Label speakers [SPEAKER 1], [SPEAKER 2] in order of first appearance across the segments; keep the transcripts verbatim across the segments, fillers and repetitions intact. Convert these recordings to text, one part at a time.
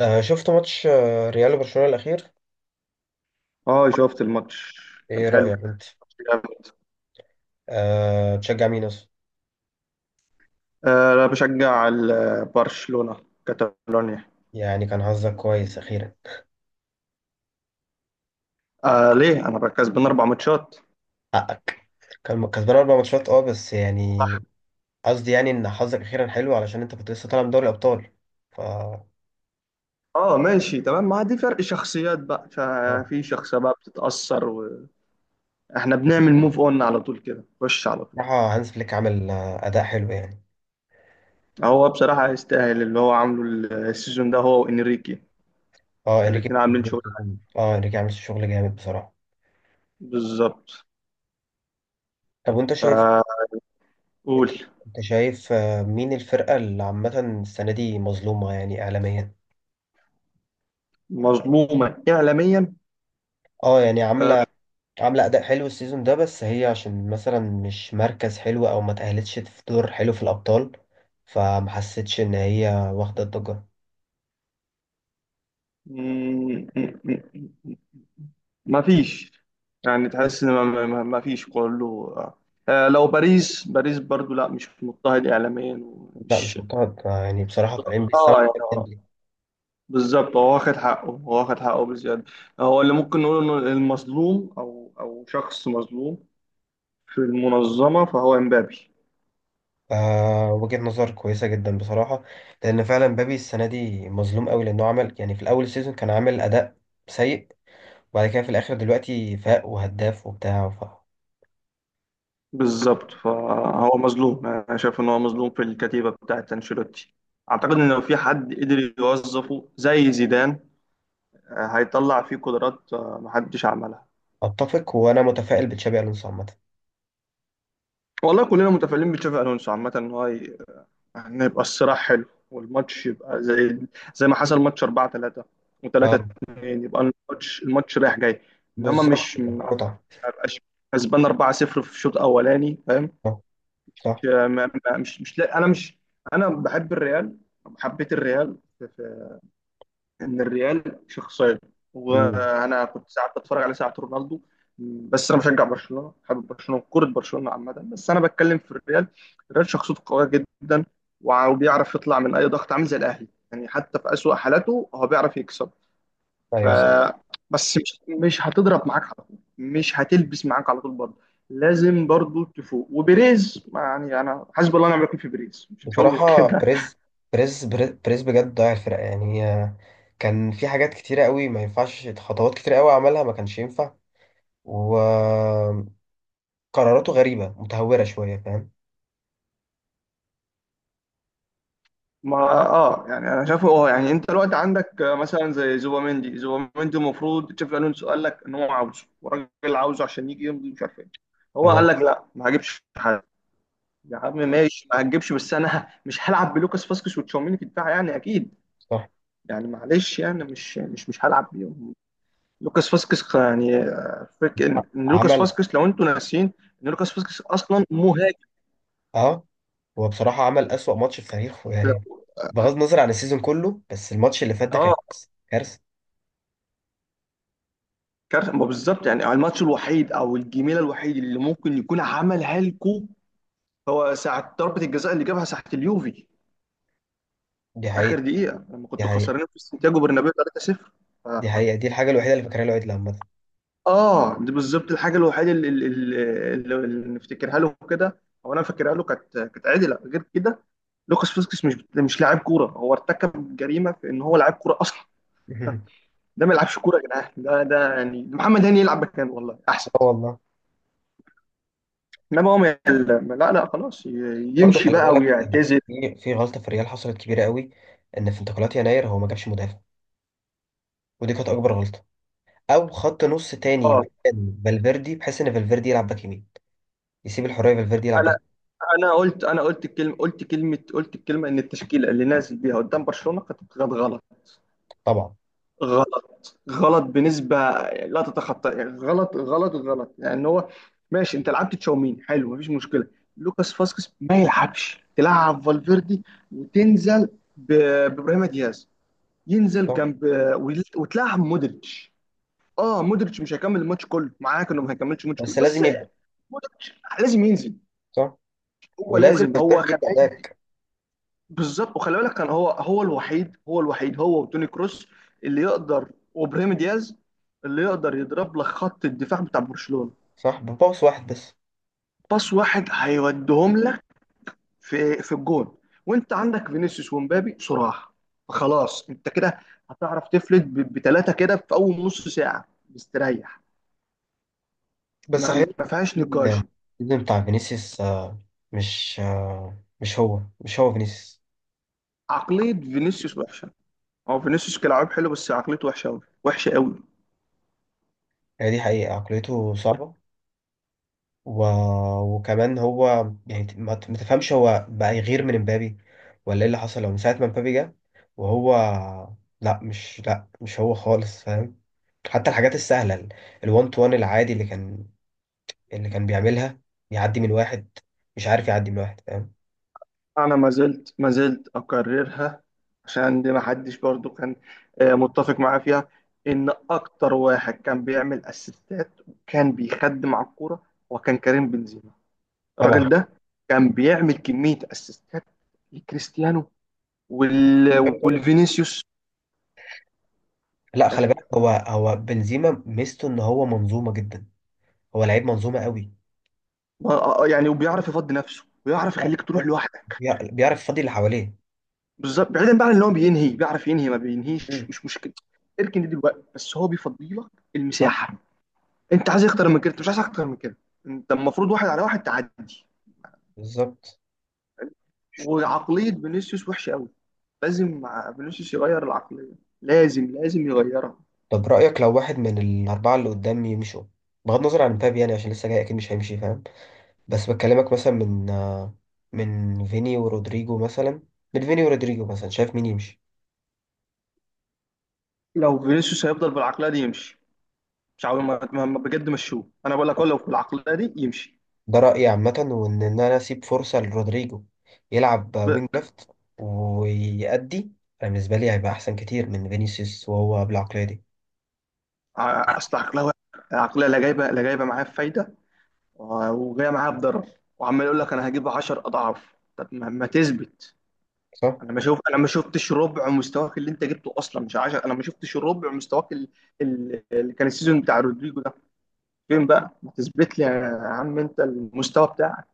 [SPEAKER 1] آه شفت ماتش آه، ريال وبرشلونة الأخير.
[SPEAKER 2] اه، شفت الماتش. كان
[SPEAKER 1] إيه
[SPEAKER 2] حلو.
[SPEAKER 1] رأيك أنت؟
[SPEAKER 2] ماتش جامد.
[SPEAKER 1] آه، تشجع مين أصلا؟
[SPEAKER 2] آه، انا بشجع ال- برشلونة. كاتالونيا.
[SPEAKER 1] يعني كان حظك كويس أخيرا.
[SPEAKER 2] آه، ليه انا كسبان اربع ماتشات.
[SPEAKER 1] حقك، كان كسبان أربع ماتشات أه بس يعني قصدي يعني إن حظك أخيرا حلو علشان أنت كنت لسه طالع من دوري الأبطال. ف أه
[SPEAKER 2] اه، ماشي تمام. ما دي فرق شخصيات بقى، ففي شخصية بقى بتتأثر. واحنا بنعمل موف اون على طول كده، خش على طول.
[SPEAKER 1] بصراحة هانز فليك عمل آه، أداء حلو يعني.
[SPEAKER 2] هو بصراحة يستاهل اللي هو عامله السيزون ده، هو وانريكي.
[SPEAKER 1] أه، إنريكي.
[SPEAKER 2] الاتنين عاملين شغل.
[SPEAKER 1] أه، إنريكي عامل شغل جامد بصراحة.
[SPEAKER 2] بالظبط.
[SPEAKER 1] طب وأنت شايف،
[SPEAKER 2] فقول.
[SPEAKER 1] أنت أنت شايف آه، مين الفرقة اللي عامة السنة دي مظلومة يعني إعلاميا؟
[SPEAKER 2] مظلومة إعلاميا.
[SPEAKER 1] أه، يعني
[SPEAKER 2] آه،
[SPEAKER 1] عاملة، عاملة أداء حلو السيزون ده بس هي عشان مثلا مش مركز حلو أو ما تأهلتش في دور حلو في الأبطال، فما حسيتش إن هي واخدة الضجة.
[SPEAKER 2] ما فيش. يعني تحس ان ما ما- ما فيش كله آه. آه، لو باريس باريس برضو، لا مش مضطهد اعلاميا
[SPEAKER 1] لا مش
[SPEAKER 2] ومش.
[SPEAKER 1] مقتنع يعني، بصراحة طالعين
[SPEAKER 2] اه
[SPEAKER 1] بالسما.
[SPEAKER 2] يعني آه،
[SPEAKER 1] ديمبلي.
[SPEAKER 2] بالظبط. هو واخد حقه، هو واخد حقه بزياده. هو اللي ممكن نقول انه المظلوم، او او شخص مظلوم في المنظمه، فهو امبابي.
[SPEAKER 1] آه، وجهة نظر كويسة جدا بصراحة، لأن فعلا مبابي السنة دي مظلوم قوي لأنه عمل يعني في الأول السيزون كان عامل أداء سيء، وبعد كده في الآخر دلوقتي فاق وهداف وبتاع.
[SPEAKER 2] بالظبط، فهو مظلوم. انا شايف ان هو مظلوم في الكتيبه بتاعت انشيلوتي. اعتقد ان لو في حد قدر يوظفه زي زيدان، آه، هيطلع فيه قدرات آه، محدش عملها.
[SPEAKER 1] فأتفق، وأنا متفائل بتشابي ألونسو عامة.
[SPEAKER 2] والله كلنا متفائلين بتشافي الونسو عامة، ان هو ي- ان يبقى الصراع حلو، والماتش يبقى زي زي ما حصل ماتش اربعه تلاته و3
[SPEAKER 1] اه.
[SPEAKER 2] 2. يبقى الماتش الماتش رايح جاي. انما
[SPEAKER 1] بالظبط،
[SPEAKER 2] مش
[SPEAKER 1] يبقى في
[SPEAKER 2] ما
[SPEAKER 1] متعة.
[SPEAKER 2] يبقاش كسبان اربعه صفر في الشوط الاولاني، فاهم.
[SPEAKER 1] آه، صح.
[SPEAKER 2] مش ما- ما- مش مش لا- انا مش انا بحب الريال. حبيت الريال. ان الريال شخصيه.
[SPEAKER 1] مم.
[SPEAKER 2] وانا كنت ساعات بتفرج على ساعات رونالدو. بس انا بشجع برشلونه، حابب برشلونه، كره برشلونه عامه، بس انا بتكلم في الريال. الريال شخصيته قويه جدا. وع- وبيعرف يطلع من اي ضغط، عامل زي الاهلي. يعني حتى في اسوأ حالاته هو بيعرف يكسب. ف
[SPEAKER 1] أيوه، صح.
[SPEAKER 2] بس مش مش هتضرب معاك على طول، مش هتلبس معاك على طول برضه. لازم برضه تفوق. وبيريز، ما يعني، انا حسب الله ونعم الوكيل في بيريز. مش مش هقول غير
[SPEAKER 1] بصراحة
[SPEAKER 2] كده.
[SPEAKER 1] بريز بريز بريز بريز بجد ضيع الفرقة يعني، هي كان في حاجات كتيرة قوي ما ينفعش، خطوات كتيرة قوي عملها ما كانش ينفع، وقراراته غريبة متهورة شوية، فاهم.
[SPEAKER 2] ما اه يعني انا شايفه. اه يعني انت الوقت عندك آه، مثلا زي زوباميندي. زوباميندي المفروض تشافي الونسو قال لك ان هو عاوزه، والراجل عاوزه عشان يجي يمضي، مش عارف ايه. هو
[SPEAKER 1] تمام.
[SPEAKER 2] قال لك لا، ما هجيبش حد. يا عم ماشي، ما هتجيبش، بس انا مش هلعب بلوكاس فاسكس وتشاوميني في الدفاع يعني اكيد.
[SPEAKER 1] صح.
[SPEAKER 2] يعني معلش، يعني مش مش مش هلعب بيهم. لوكاس فاسكس، يعني آه، فك ان إن لوكاس
[SPEAKER 1] عمل.
[SPEAKER 2] فاسكس، لو انتوا ناسيين، ان لوكاس فاسكس اصلا مهاجم.
[SPEAKER 1] اه، هو بصراحة عمل أسوأ ماتش في تاريخه يعني، بغض النظر عن السيزون كله بس الماتش اللي فات ده كان
[SPEAKER 2] اه.
[SPEAKER 1] كارثة. كارثة.
[SPEAKER 2] كارثه، ما بالظبط. يعني الماتش الوحيد او الجميله الوحيد اللي ممكن يكون عملها لكم، هو ساعه ضربه الجزاء اللي جابها ساعه اليوفي،
[SPEAKER 1] دي
[SPEAKER 2] اخر
[SPEAKER 1] حقيقة.
[SPEAKER 2] دقيقه، لما
[SPEAKER 1] دي
[SPEAKER 2] كنتوا
[SPEAKER 1] حقيقة.
[SPEAKER 2] خسرانين في سانتياغو برنابيو تلاته صفر. ف-
[SPEAKER 1] دي حقيقة، دي الحاجة الوحيدة اللي فاكرها له، عيد لما
[SPEAKER 2] اه، دي بالظبط الحاجه الوحيده اللي, اللي, اللي, اللي نفتكرها له كده. او انا فاكرها له. كانت كانت عدله غير كده. لوكاس فاسكس مش مش لاعب كوره. هو ارتكب جريمه في ان هو لاعب كوره اصلا. ده ما يلعبش كوره يا جدعان. ده ده يعني محمد هاني يلعب مكانه والله احسن.
[SPEAKER 1] اه والله.
[SPEAKER 2] انما هو ما يعلم، لا لا، خلاص. ي-
[SPEAKER 1] برضه
[SPEAKER 2] يمشي
[SPEAKER 1] خلي
[SPEAKER 2] بقى
[SPEAKER 1] بالك،
[SPEAKER 2] ويعتزل.
[SPEAKER 1] في في غلطه في الريال حصلت كبيره قوي، ان في انتقالات يناير هو ما جابش مدافع، ودي كانت اكبر غلطه، او خط نص تاني
[SPEAKER 2] اه.
[SPEAKER 1] مكان فالفيردي بحيث ان فالفيردي يلعب باك يمين، يسيب الحريه فالفيردي يلعب باك
[SPEAKER 2] انا
[SPEAKER 1] يمين.
[SPEAKER 2] انا قلت انا قلت الكلمه قلت كلمه قلت الكلمه ان التشكيله اللي نازل بيها قدام برشلونه كانت كانت غلط.
[SPEAKER 1] طبعا.
[SPEAKER 2] غلط غلط بنسبه لا تتخطى. يعني غلط غلط غلط. يعني هو ماشي، انت لعبت تشاومين حلو، مفيش مشكله. لوكاس فاسكس ما يلعبش، تلعب فالفيردي، وتنزل ب- بابراهيم دياز، ينزل
[SPEAKER 1] صح.
[SPEAKER 2] جنب، وتلعب مودريتش. اه مودريتش مش هيكمل الماتش كله معاك، انه ما هيكملش الماتش كله،
[SPEAKER 1] بس
[SPEAKER 2] بس
[SPEAKER 1] لازم يبدا.
[SPEAKER 2] مودريتش لازم ينزل.
[SPEAKER 1] صح،
[SPEAKER 2] هو
[SPEAKER 1] ولازم
[SPEAKER 2] لازم، هو
[SPEAKER 1] فالفيردي
[SPEAKER 2] كان
[SPEAKER 1] يبدا
[SPEAKER 2] عايز-
[SPEAKER 1] باك.
[SPEAKER 2] بالظبط. وخلي بالك، كان هو، هو الوحيد هو الوحيد، هو وتوني كروس اللي يقدر، وابراهيم دياز اللي يقدر يضرب لك خط الدفاع بتاع برشلونة.
[SPEAKER 1] صح، بباص واحد بس.
[SPEAKER 2] باص واحد هيوديهم لك في في الجون. وانت عندك فينيسيوس ومبابي، صراحة خلاص، انت كده هتعرف تفلت بثلاثة كده في اول نص ساعة مستريح.
[SPEAKER 1] بس
[SPEAKER 2] ما
[SPEAKER 1] غير
[SPEAKER 2] ما فيهاش
[SPEAKER 1] إن
[SPEAKER 2] نقاش.
[SPEAKER 1] السيزون بتاع فينيسيوس آه، مش آه، مش هو، مش هو فينيسيوس.
[SPEAKER 2] عقلية فينيسيوس وحشة. هو فينيسيوس كلاعب حلو، بس عقليته وحشه قوي، وحشه قوي.
[SPEAKER 1] هي دي حقيقه، عقليته صعبه، و... وكمان هو يعني ما ت- ما تفهمش، هو بقى يغير من امبابي ولا ايه اللي حصل؟ هو من ساعة ما امبابي جه وهو لا مش لا مش هو خالص، فاهم، حتى الحاجات السهلة ال الوان تو وان العادي اللي كان اللي كان بيعملها، يعدي من واحد، مش عارف يعدي من واحد، فاهم.
[SPEAKER 2] انا ما زلت ما زلت اكررها، عشان دي ما حدش برضو كان آه، متفق معايا فيها، ان اكتر واحد كان بيعمل اسيستات وكان بيخدم على الكوره، وكان كريم بنزيما. الراجل
[SPEAKER 1] طبعا.
[SPEAKER 2] ده كان بيعمل كميه اسيستات لكريستيانو وال...
[SPEAKER 1] أيوة طبعا.
[SPEAKER 2] والفينيسيوس.
[SPEAKER 1] لا
[SPEAKER 2] يعني،
[SPEAKER 1] خلي بالك، هو هو بنزيما ميزته ان هو منظومة جدا، هو لعيب منظومة قوي.
[SPEAKER 2] آه، آه، يعني وبيعرف يفضي نفسه، ويعرف يخليك تروح لوحدك.
[SPEAKER 1] بيعرف بيعرف يفضي اللي حواليه.
[SPEAKER 2] بالظبط، بعيدا بقى عن ان هو بينهي. بيعرف ينهي، ما بينهيش،
[SPEAKER 1] مم.
[SPEAKER 2] مش مشكله. اركن دي دلوقتي، بس هو بيفضي لك
[SPEAKER 1] صح.
[SPEAKER 2] المساحه. انت عايز اكتر من كده. انت مش عايز اكتر من كده. انت المفروض واحد على واحد تعدي.
[SPEAKER 1] بالظبط.
[SPEAKER 2] وعقليه فينيسيوس وحشه قوي. لازم مع- فينيسيوس يغير العقليه. لازم لازم يغيرها.
[SPEAKER 1] طب رأيك لو واحد من الأربعة اللي قدامي يمشوا، بغض النظر عن مبابي يعني عشان لسه جاي أكيد مش هيمشي، فاهم؟ بس بكلمك مثلا من آه، من فيني ورودريجو مثلا من فيني ورودريجو مثلا، شايف مين يمشي؟
[SPEAKER 2] لو فينيسيوس هيفضل بالعقليه دي، يمشي. مش عاوز. ما ما- ما- بجد مشوه، انا بقول لك هو لو بالعقليه دي يمشي.
[SPEAKER 1] ده رأيي عامة، وإن إن أنا أسيب فرصة لرودريجو، يلعب
[SPEAKER 2] ب-
[SPEAKER 1] وينج ليفت ويأدي. أنا بالنسبة لي هيبقى أحسن كتير من فينيسيوس وهو بالعقلية دي.
[SPEAKER 2] ع- اصل عقلها وحش. العقليه لا جايبه، لا جايبه معاه فايده، وجاي معايا بضرر. وعمال يقول لك انا هجيب عشر اضعاف. طب ما, ما تثبت.
[SPEAKER 1] صح؟
[SPEAKER 2] انا ما شوف انا ما شفتش ربع مستواك اللي انت جبته اصلا، مش عشره. انا ما شفتش ربع مستواك ال- ال- اللي كان السيزون بتاع رودريجو ده. فين بقى؟ ما تثبت لي يا عم انت المستوى بتاعك.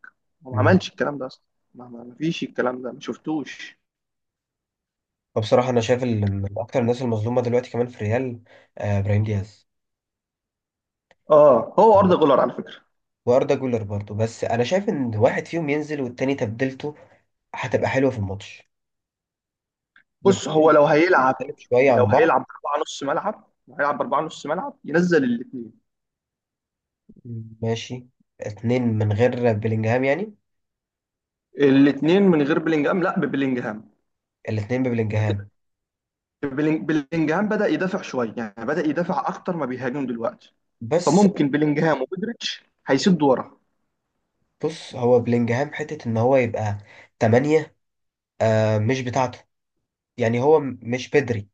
[SPEAKER 2] هو ما
[SPEAKER 1] مم.
[SPEAKER 2] عملش الكلام ده اصلا. ما, ما ما فيش الكلام ده، ما شفتوش.
[SPEAKER 1] فبصراحة أنا شايف ال- من أكتر الناس المظلومة دلوقتي كمان في ريال، آه، إبراهيم دياز.
[SPEAKER 2] اه، هو ارض جولر على فكره.
[SPEAKER 1] واردا جولر برضه، بس انا شايف ان واحد فيهم ينزل والتاني تبديلته هتبقى حلوه في الماتش.
[SPEAKER 2] بص، هو
[SPEAKER 1] الاتنين
[SPEAKER 2] لو هيلعب،
[SPEAKER 1] مختلف شويه
[SPEAKER 2] لو
[SPEAKER 1] عن بعض.
[SPEAKER 2] هيلعب باربعه نص ملعب لو هيلعب باربعه نص ملعب، ينزل الاثنين.
[SPEAKER 1] ماشي، اتنين من غير بلينجهام يعني؟
[SPEAKER 2] الاثنين من غير بلينجهام؟ لا، ببلينجهام.
[SPEAKER 1] الاتنين ببلينجهام.
[SPEAKER 2] بلينج- بلينجهام بدأ يدافع شوية، يعني بدأ يدافع أكتر ما بيهاجم دلوقتي.
[SPEAKER 1] بس
[SPEAKER 2] فممكن بلينجهام ومودريتش هيسدوا ورا.
[SPEAKER 1] بص، هو بلينجهام حتة ان هو يبقى تمانية آه، مش بتاعته يعني، هو م- مش بدري،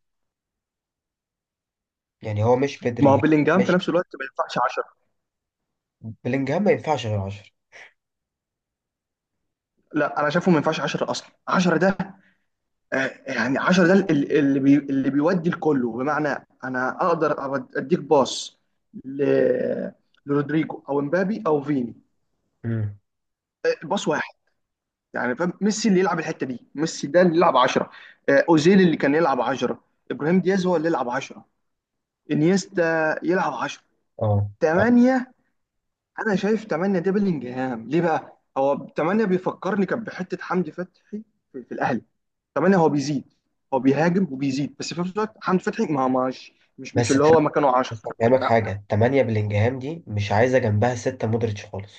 [SPEAKER 1] يعني هو مش
[SPEAKER 2] ما هو
[SPEAKER 1] بدري.
[SPEAKER 2] بلينجهام في
[SPEAKER 1] مش،
[SPEAKER 2] نفس الوقت ما ينفعش عشره.
[SPEAKER 1] بلينجهام ما ينفعش غير عشرة.
[SPEAKER 2] لا، انا شايفه ما ينفعش عشره اصلا. عشره ده آه، يعني، عشره ده ال- اللي بي اللي بيودي الكله، بمعنى انا اقدر أود- اديك باص ل- لرودريجو او امبابي او فيني.
[SPEAKER 1] امم.
[SPEAKER 2] آه، باص واحد، يعني فاهم. ميسي اللي يلعب الحته دي. ميسي ده اللي يلعب عشره. اوزيل اللي كان يلعب عشره. ابراهيم دياز هو اللي يلعب عشره. انيستا يلعب عشره.
[SPEAKER 1] اه.
[SPEAKER 2] تمانيه. انا شايف تمانيه ده بلينجهام ليه. بقى هو تمانيه بيفكرني كان بحته حمدي فتحي في, في, الاهلي. تمانيه هو بيزيد. هو بيهاجم وبيزيد، بس في نفس الوقت حمدي فتحي، ما مش مش مش
[SPEAKER 1] بس
[SPEAKER 2] اللي هو
[SPEAKER 1] الت-
[SPEAKER 2] مكانه عشره.
[SPEAKER 1] بس هفهمك
[SPEAKER 2] لا.
[SPEAKER 1] حاجة، تمانية بلينجهام دي مش عايزة جنبها ستة مودريتش خالص،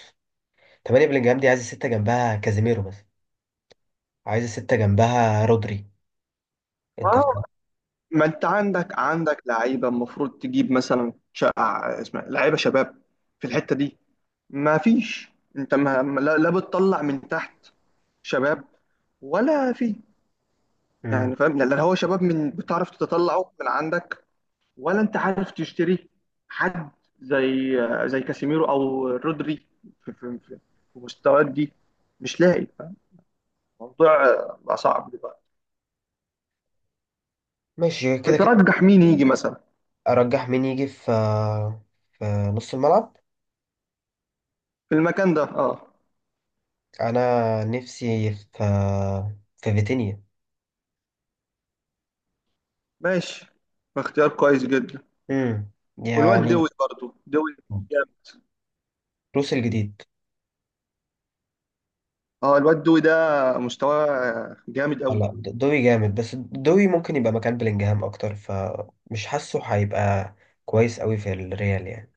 [SPEAKER 1] تمانية بلينجهام دي عايزة ستة جنبها كازيميرو مثلا، عايزة ستة جنبها رودري،
[SPEAKER 2] ما
[SPEAKER 1] انت فاهم.
[SPEAKER 2] هو- ما انت عندك عندك لعيبه المفروض تجيب مثلا شا... اسمها إيه، لعيبه شباب في الحته دي، ما فيش. انت ما لا, لا بتطلع من تحت شباب، ولا في،
[SPEAKER 1] امم.
[SPEAKER 2] يعني فاهم. لا لا، هو شباب من بتعرف تطلعه من عندك، ولا انت عارف تشتري حد زي، زي كاسيميرو او رودري، في, في, في, في مستويات دي، مش لاقي فاهم. الموضوع آه، بقى صعب دلوقتي.
[SPEAKER 1] ماشي كده كده.
[SPEAKER 2] ترجح مين يجي مثلا
[SPEAKER 1] ارجح مين يجي في، في نص الملعب.
[SPEAKER 2] في المكان ده. اه،
[SPEAKER 1] انا نفسي في، في فيتينيا.
[SPEAKER 2] ماشي. اختيار كويس جدا.
[SPEAKER 1] امم،
[SPEAKER 2] والواد
[SPEAKER 1] يعني.
[SPEAKER 2] دوي برضو، دوي جامد.
[SPEAKER 1] روس الجديد.
[SPEAKER 2] اه، الواد دوي ده مستواه جامد
[SPEAKER 1] آه،
[SPEAKER 2] قوي.
[SPEAKER 1] لا دوي جامد، بس دوي ممكن يبقى مكان بلينجهام اكتر، فمش حاسه هيبقى كويس قوي في الريال يعني.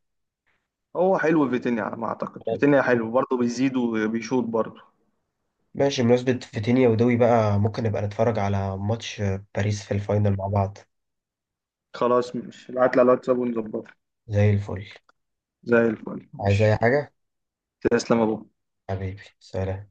[SPEAKER 2] هو حلو فيتينيا. على ما اعتقد فيتينيا حلو برضه، بيزيد وبيشوط برضه.
[SPEAKER 1] ماشي، بمناسبة فيتينيا ودوي بقى، ممكن نبقى نتفرج على ماتش باريس في الفاينل مع بعض.
[SPEAKER 2] خلاص، مش ابعت لي على الواتساب ونظبطه.
[SPEAKER 1] زي الفل.
[SPEAKER 2] زي الفل،
[SPEAKER 1] عايز اي
[SPEAKER 2] ماشي.
[SPEAKER 1] حاجة؟
[SPEAKER 2] تسلم يا ابو.
[SPEAKER 1] حبيبي سلام.